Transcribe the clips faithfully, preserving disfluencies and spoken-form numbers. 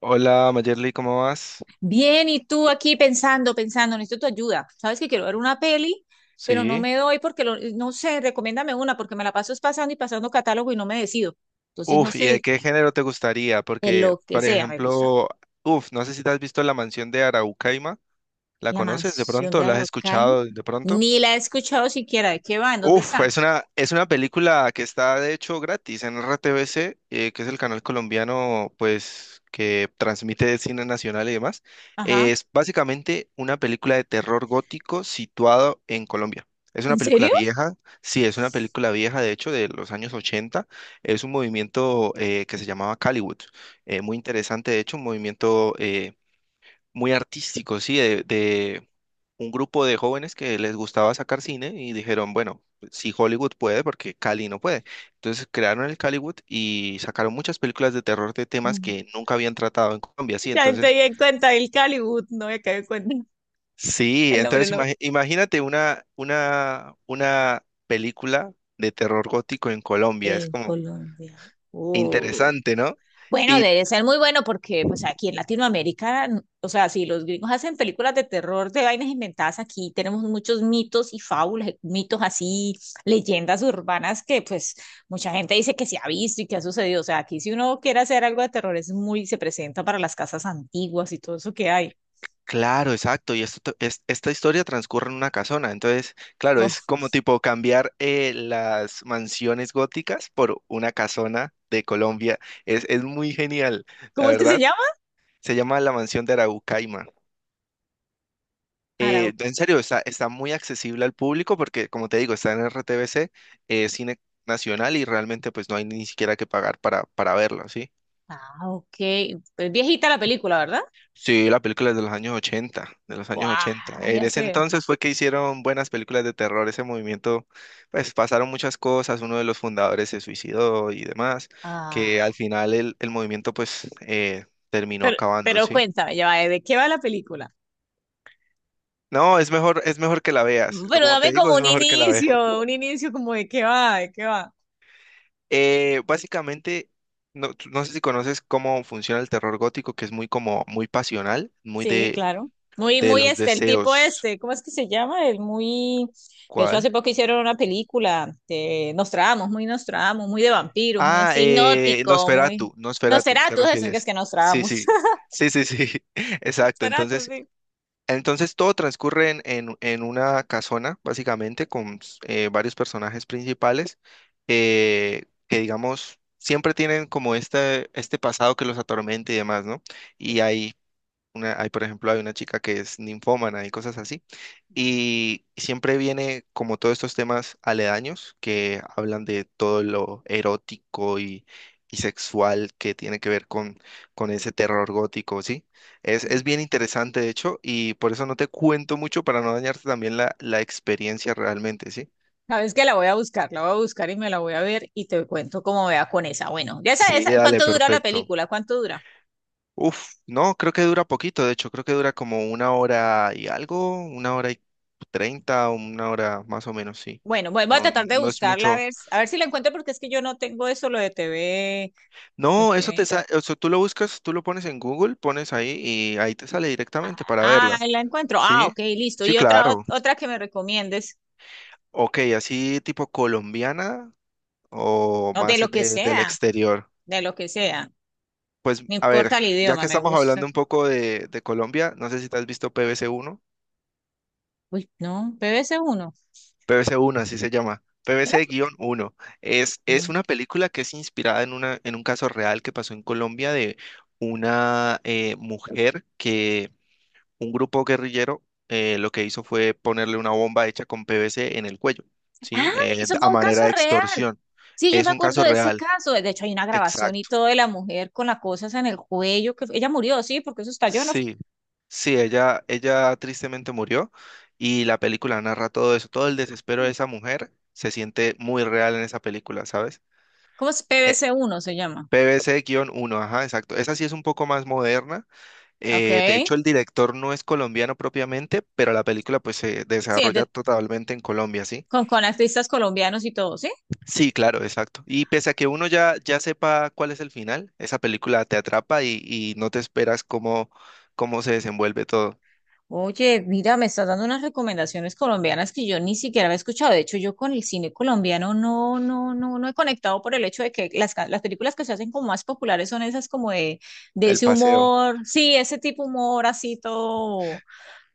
Hola, Mayerly, ¿cómo vas? Bien, y tú aquí pensando, pensando, necesito tu ayuda. Sabes que quiero ver una peli, pero no Sí. me doy porque lo- no sé, recomiéndame una porque me la paso es pasando y pasando catálogo y no me decido. Entonces, no Uf, ¿y de sé, qué género te gustaría? de Porque, lo que por sea me gusta. ejemplo, uf, no sé si te has visto La Mansión de Araucaima. ¿La La conoces de mansión pronto? de ¿La has Araucaima. escuchado de pronto? Ni la he escuchado siquiera. ¿De qué va? ¿En dónde Uf, está? es una, es una película que está de hecho gratis en R T V C, eh, que es el canal colombiano, pues, que transmite cine nacional y demás. Ajá. Es básicamente una película de terror gótico situado en Colombia. Es una ¿En película serio? vieja, sí, es una película vieja, de hecho, de los años ochenta. Es un movimiento eh, que se llamaba Caliwood. eh, muy interesante, de hecho, un movimiento eh, muy artístico, sí, de, de un grupo de jóvenes que les gustaba sacar cine y dijeron, bueno, si Hollywood puede, porque Cali no puede. Entonces crearon el Caliwood y sacaron muchas películas de terror de temas Mm. que nunca habían tratado en Colombia, sí, Ya me entonces, di en cuenta el Calibut, no me caí en cuenta sí, el nombre, el entonces nombre. imagi- imagínate una, una, una película de terror gótico en Colombia, es En como Colombia. interesante, ¿no? Bueno, Y debe ser muy bueno porque pues aquí en Latinoamérica, o sea, si los gringos hacen películas de terror de vainas inventadas, aquí tenemos muchos mitos y fábulas, eh, mitos así, leyendas urbanas que pues mucha gente dice que se ha visto y que ha sucedido. O sea, aquí si uno quiere hacer algo de terror es muy, se presenta para las casas antiguas y todo eso que hay. Claro, exacto. Y esto, t- es- esta historia transcurre en una casona. Entonces, claro, Oh, es como tipo cambiar eh, las mansiones góticas por una casona de Colombia. Es, es muy genial, la ¿cómo es que se verdad. llama? Se llama la Mansión de Araucaima. Arau. Eh, en serio, está, está muy accesible al público porque, como te digo, está en R T B C, eh, Cine Nacional y realmente pues no hay ni siquiera que pagar para, para verlo, ¿sí? Ah, ok. Es viejita la película, ¿verdad? Sí, la película es de los años ochenta, de los años Guau, ochenta. En ya ese sé. entonces fue que hicieron buenas películas de terror, ese movimiento, pues pasaron muchas cosas, uno de los fundadores se suicidó y demás, que al Ah, final el, el movimiento pues eh, terminó pero, acabando, pero ¿sí? cuéntame, ya va, ¿de qué va la película? No, es mejor, es mejor que la veas, lo- Pero como dame te digo, como es un mejor que la veas. inicio, un inicio como de qué va, de qué va. Eh, básicamente, no, tú- no sé si conoces cómo funciona el terror gótico, que es muy como, muy pasional, muy Sí, de, claro. Muy, de muy los este, el tipo deseos. este, ¿cómo es que se llama? El muy, que de hecho ¿Cuál? hace poco hicieron una película de Nostradamus, muy Nostradamus, muy de vampiros, muy Ah, así eh, hipnótico, muy... Nosferatu, Nosferatu, ¿te Nosferatu, eso que es refieres? que Sí, Nostradamus. sí, sí, sí, sí, exacto. Nosferatu, Entonces, sí. entonces todo transcurre en, en- en una casona, básicamente, con eh, varios personajes principales eh, que, digamos, siempre tienen como este, este pasado que los atormenta y demás, ¿no? Sí, Y hay una, hay, por ejemplo, hay una chica que es ninfómana y cosas así. Y siempre viene como todos estos temas aledaños que hablan de todo lo erótico y, y sexual que tiene que ver con, con ese terror gótico, ¿sí? Es, sí. es bien interesante, de hecho, y por eso no te cuento mucho para no dañarte también la, la experiencia realmente, ¿sí? Sabes que la voy a buscar, la voy a buscar y me la voy a ver y te cuento cómo vea con esa. Bueno, ya esa, Sí, esa, dale, ¿cuánto dura la perfecto. película? ¿Cuánto dura? Uf, no, creo que dura poquito, de hecho, creo que dura como una hora y algo, una hora y treinta, una hora más o menos, sí. Bueno, voy voy a No, tratar de no es buscarla a mucho. ver, a ver si la encuentro porque es que yo no tengo eso, lo de T V, el No, eso te T V. sale, o sea, tú lo buscas, tú lo pones en Google, pones ahí y ahí te sale Ah, directamente para ah, verla. ahí la encuentro. Ah, ¿Sí? ok, listo. Sí, Y otra, ot- claro. otra que me recomiendes, Ok, así tipo colombiana o o de lo más que de- del sea, exterior. de lo que sea. Pues No a ver, importa el ya idioma, que me estamos gusta hablando un todo. poco de, de Colombia, no sé si te has visto P B C uno. Uy, no, B B C uno. P B C uno así se llama. P B C uno. Es, es No. una película que es inspirada en, una, en un caso real que pasó en Colombia de una eh, mujer que un grupo guerrillero eh, lo que hizo fue ponerle una bomba hecha con P V C en el cuello, ¿sí? Ay, Eh, eso fue a un manera caso de real. extorsión. Sí, yo Es me un acuerdo caso de ese real, caso. De hecho, hay una grabación y exacto. todo de la mujer con las cosas en el cuello. Que fue- ella murió, sí, porque eso estalló, ¿no? Sí, sí, ella, ella tristemente murió y la película narra todo eso, todo el desespero de esa mujer se siente muy real en esa película, ¿sabes? ¿Cómo es? P B C uno se llama. PVC uno, ajá, exacto. Esa sí es un poco más moderna. Ok. Eh, de hecho, el director no es colombiano propiamente, pero la película pues se Sí, es desarrolla de totalmente en Colombia, ¿sí? con, con artistas colombianos y todo, ¿sí? Sí, claro, exacto. Y pese a que uno ya, ya sepa cuál es el final, esa película te atrapa y, y no te esperas cómo, cómo se desenvuelve todo Oye, mira, me estás dando unas recomendaciones colombianas que yo ni siquiera había escuchado. De hecho, yo con el cine colombiano no, no, no, no he conectado por el hecho de que las, ca- las películas que se hacen como más populares son esas como de, de el ese paseo. humor, sí, ese tipo humor así todo.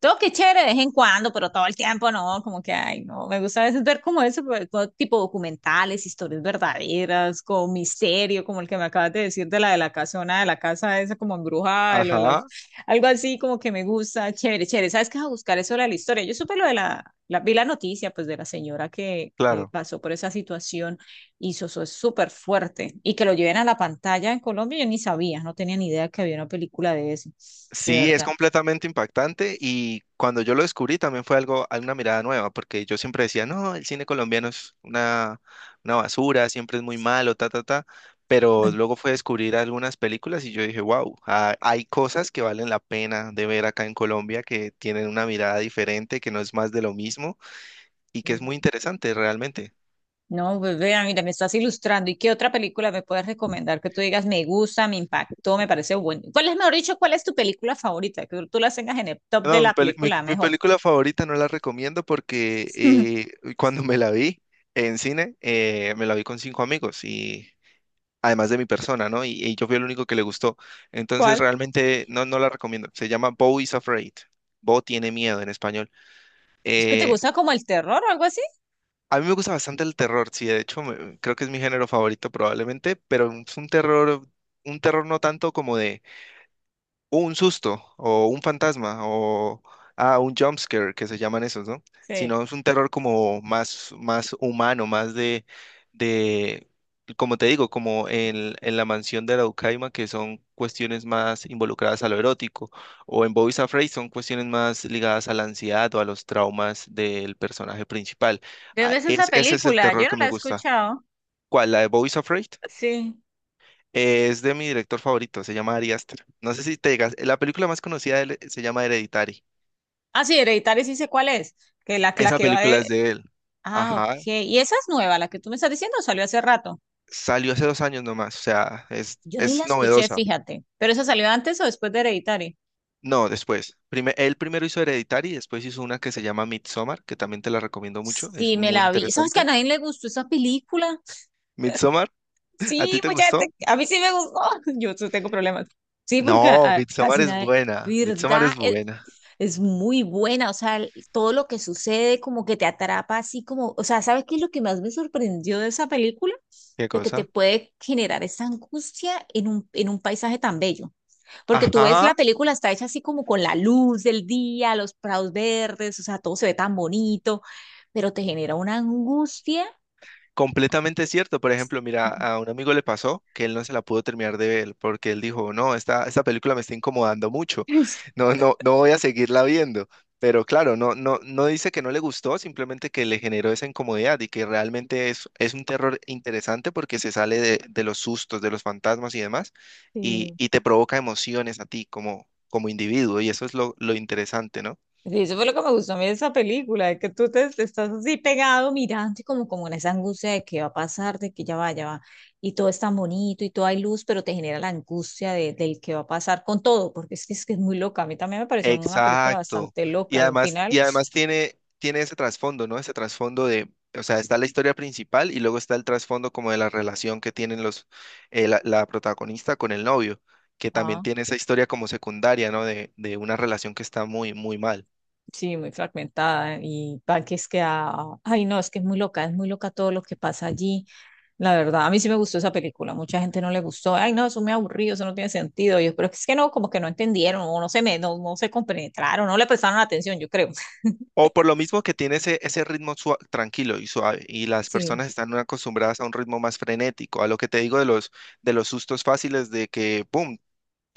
Todo que chévere de vez en cuando, pero todo el tiempo no, como que, ay, no, me gusta a veces ver como eso, pero como tipo documentales, historias verdaderas, como misterio, como el que me acabas de decir de la de la casona, de la casa esa como embrujada, de lo de las, Ajá, algo así como que me gusta, chévere, chévere, ¿sabes qué? A buscar eso de la historia. Yo supe lo de la, la vi la noticia, pues, de la señora que, que claro. pasó por esa situación y eso, eso es súper fuerte, y que lo lleven a la pantalla en Colombia, yo ni sabía, no tenía ni idea que había una película de eso, de Sí, es verdad. completamente impactante y cuando yo lo descubrí también fue algo, una mirada nueva, porque yo siempre decía, no, el cine colombiano es una, una basura, siempre es muy malo, ta, ta, ta, pero luego fue descubrir algunas películas y yo dije, wow, hay cosas que valen la pena de ver acá en Colombia, que tienen una mirada diferente, que no es más de lo mismo y que es muy interesante realmente. No, pues vea, mira, me estás ilustrando. ¿Y qué otra película me puedes recomendar que tú digas me gusta, me impactó, me parece bueno? ¿Cuál es, mejor dicho, cuál es tu película favorita? Que tú la tengas en el top de No, mi, la peli- mi- película mi mejor. película favorita no la recomiendo porque eh, cuando me la vi en cine, eh, me la vi con cinco amigos y además de mi persona, ¿no? Y y yo fui el único que le gustó. Entonces ¿Cuál? realmente no, no la recomiendo. Se llama Bo is Afraid. Bo tiene miedo en español. ¿Es que te Eh, gusta como el terror o algo así? a mí me gusta bastante el terror, sí, de hecho me- creo que es mi género favorito probablemente, pero es un terror, un terror no tanto como de un susto o un fantasma o ah, un jumpscare que se llaman esos, ¿no? Sí, ¿de Sino es un terror como más, más humano, más de, de, como te digo, como en, en la mansión de Araucaima, que son cuestiones más involucradas a lo erótico, o en Boys Afraid son cuestiones más ligadas a la ansiedad o a los traumas del personaje principal. dónde Ah, es esa es, ese es el película? terror Yo no que la me he gusta. escuchado. ¿Cuál? ¿La de Boys Afraid? Sí. Es de mi director favorito, se llama Ari Aster. No sé si te digas, la película más conocida de él eh, se llama Hereditary. Ah, sí, Hereditario, sí sé cuál es. Que la, la Esa que va película es de. de él. Ah, ok. Ajá, ¿Y esa es nueva, la que tú me estás diciendo? ¿O salió hace rato? salió hace dos años nomás, o sea, es, Yo ni la es escuché, novedosa. fíjate. ¿Pero esa salió antes o después de Hereditario? No, después. Prime- él primero hizo Hereditary, después hizo una que se llama Midsommar, que también te la recomiendo mucho, es Sí, me muy la vi. ¿Sabes que a interesante. nadie le gustó esa película? Midsommar, ¿a ti Sí, te mucha gustó? gente. A mí sí me gustó. Yo sí tengo problemas. Sí, porque No, a- Midsommar casi es nadie. buena, Midsommar ¿Verdad? es Es, buena. es muy buena. O sea, el- todo lo que sucede como que te atrapa así como. O sea, ¿sabes qué es lo que más me sorprendió de esa película? ¿Qué De que te cosa? puede generar esa angustia en un, en un paisaje tan bello. Porque tú ves la Ajá, película, está hecha así como con la luz del día, los prados verdes, o sea, todo se ve tan bonito pero te genera una angustia. completamente cierto. Por ejemplo, mira, a un amigo le pasó que él no se la pudo terminar de ver porque él dijo, no, esta, esta película me está incomodando mucho. No, no, no voy a seguirla viendo. Pero claro, no, no, no dice que no le gustó, simplemente que le generó esa incomodidad y que realmente es, es un terror interesante porque se sale de, de los sustos, de los fantasmas y demás, y, Sí. y te provoca emociones a ti como, como individuo, y eso es lo, lo interesante, ¿no? Sí, eso fue lo que me gustó a mí de esa película, de que tú te, te estás así pegado mirando y como, como en esa angustia de que va a pasar, de que ya va, ya va, y todo es tan bonito y todo hay luz, pero te genera la angustia de, del que va a pasar con todo, porque es que, es que es muy loca. A mí también me pareció una película Exacto. bastante Y loca y un además, final, y además tiene, tiene, ese trasfondo, ¿no? Ese trasfondo de, o sea, está la historia principal y luego está el trasfondo como de la relación que tienen los, eh, la, la protagonista con el novio, que también ah, tiene esa historia como secundaria, ¿no? De, de una relación que está muy, muy mal. sí, muy fragmentada y para que es que, ah, ay no, es que es muy loca, es muy loca todo lo que pasa allí. La verdad, a mí sí me gustó esa película. Mucha gente no le gustó. Ay, no, eso me aburrido, eso no tiene sentido. Yo creo que es que no, como que no entendieron, o no se me, no, no se compenetraron, no le prestaron atención, yo creo. O por lo mismo que tiene ese, ese ritmo sua- tranquilo y suave, y las Sí. personas están acostumbradas a un ritmo más frenético, a lo que te digo de los, de los sustos fáciles de que, ¡pum!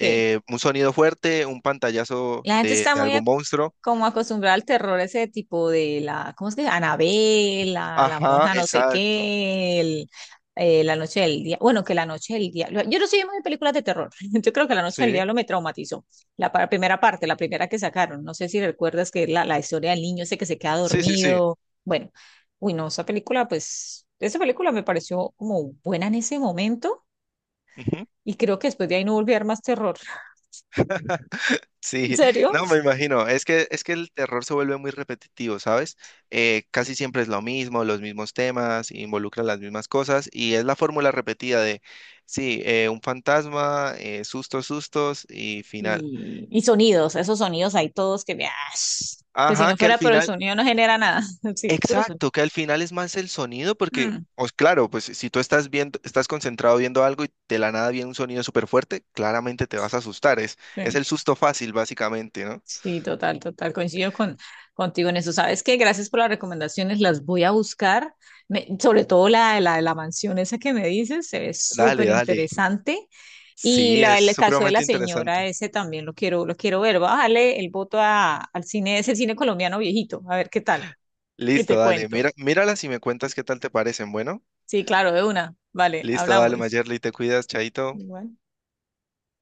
Sí. un sonido fuerte, un pantallazo La gente de está de muy algún monstruo. como acostumbrada al terror ese tipo de la, ¿cómo es que? Anabel, la, la Ajá, monja no sé exacto. qué, el- eh, la noche del día bueno, que la noche del diablo, yo no soy muy de películas de terror. Yo creo que la noche del Sí, diablo me traumatizó, la pa- primera parte, la primera que sacaron, no sé si recuerdas que es la, la historia del niño ese que se queda sí, sí, sí. dormido, bueno, uy no, esa película pues, esa película me pareció como buena en ese momento Ujú. y creo que después de ahí no volví a ver más terror. ¿En Sí, serio? no, me imagino. Es que, es que el terror se vuelve muy repetitivo, ¿sabes? Eh, casi siempre es lo mismo, los mismos temas, involucran las mismas cosas y es la fórmula repetida de, sí, eh, un fantasma, eh, sustos, sustos y final. Y, y sonidos, esos sonidos hay todos que, ¡ah! Que si Ajá, no que al fuera por el final sonido no genera nada. Sí, es puro sonido. exacto, que al final es más el sonido, porque, Mm, os claro, pues si tú estás viendo, estás concentrado viendo algo y de la nada viene un sonido súper fuerte, claramente te vas a asustar. Es, es sí, el susto fácil, básicamente, ¿no? sí, total, total. Coincido con, contigo en eso. ¿Sabes qué? Gracias por las recomendaciones. Las voy a buscar. Me- sobre todo la de la, la mansión esa que me dices, se ve Dale, súper dale. interesante. Y Sí, la, es el caso de la supremamente señora, interesante. ese también lo quiero, lo quiero ver. Voy a darle el voto a, al cine, ese cine colombiano viejito, a ver qué tal. Y Listo, te dale. cuento. Mira, míralas y me cuentas qué tal te parecen. Bueno, Sí, claro, de una. Vale, listo, dale, hablamos. Mayerly, te cuidas, chaito. Igual.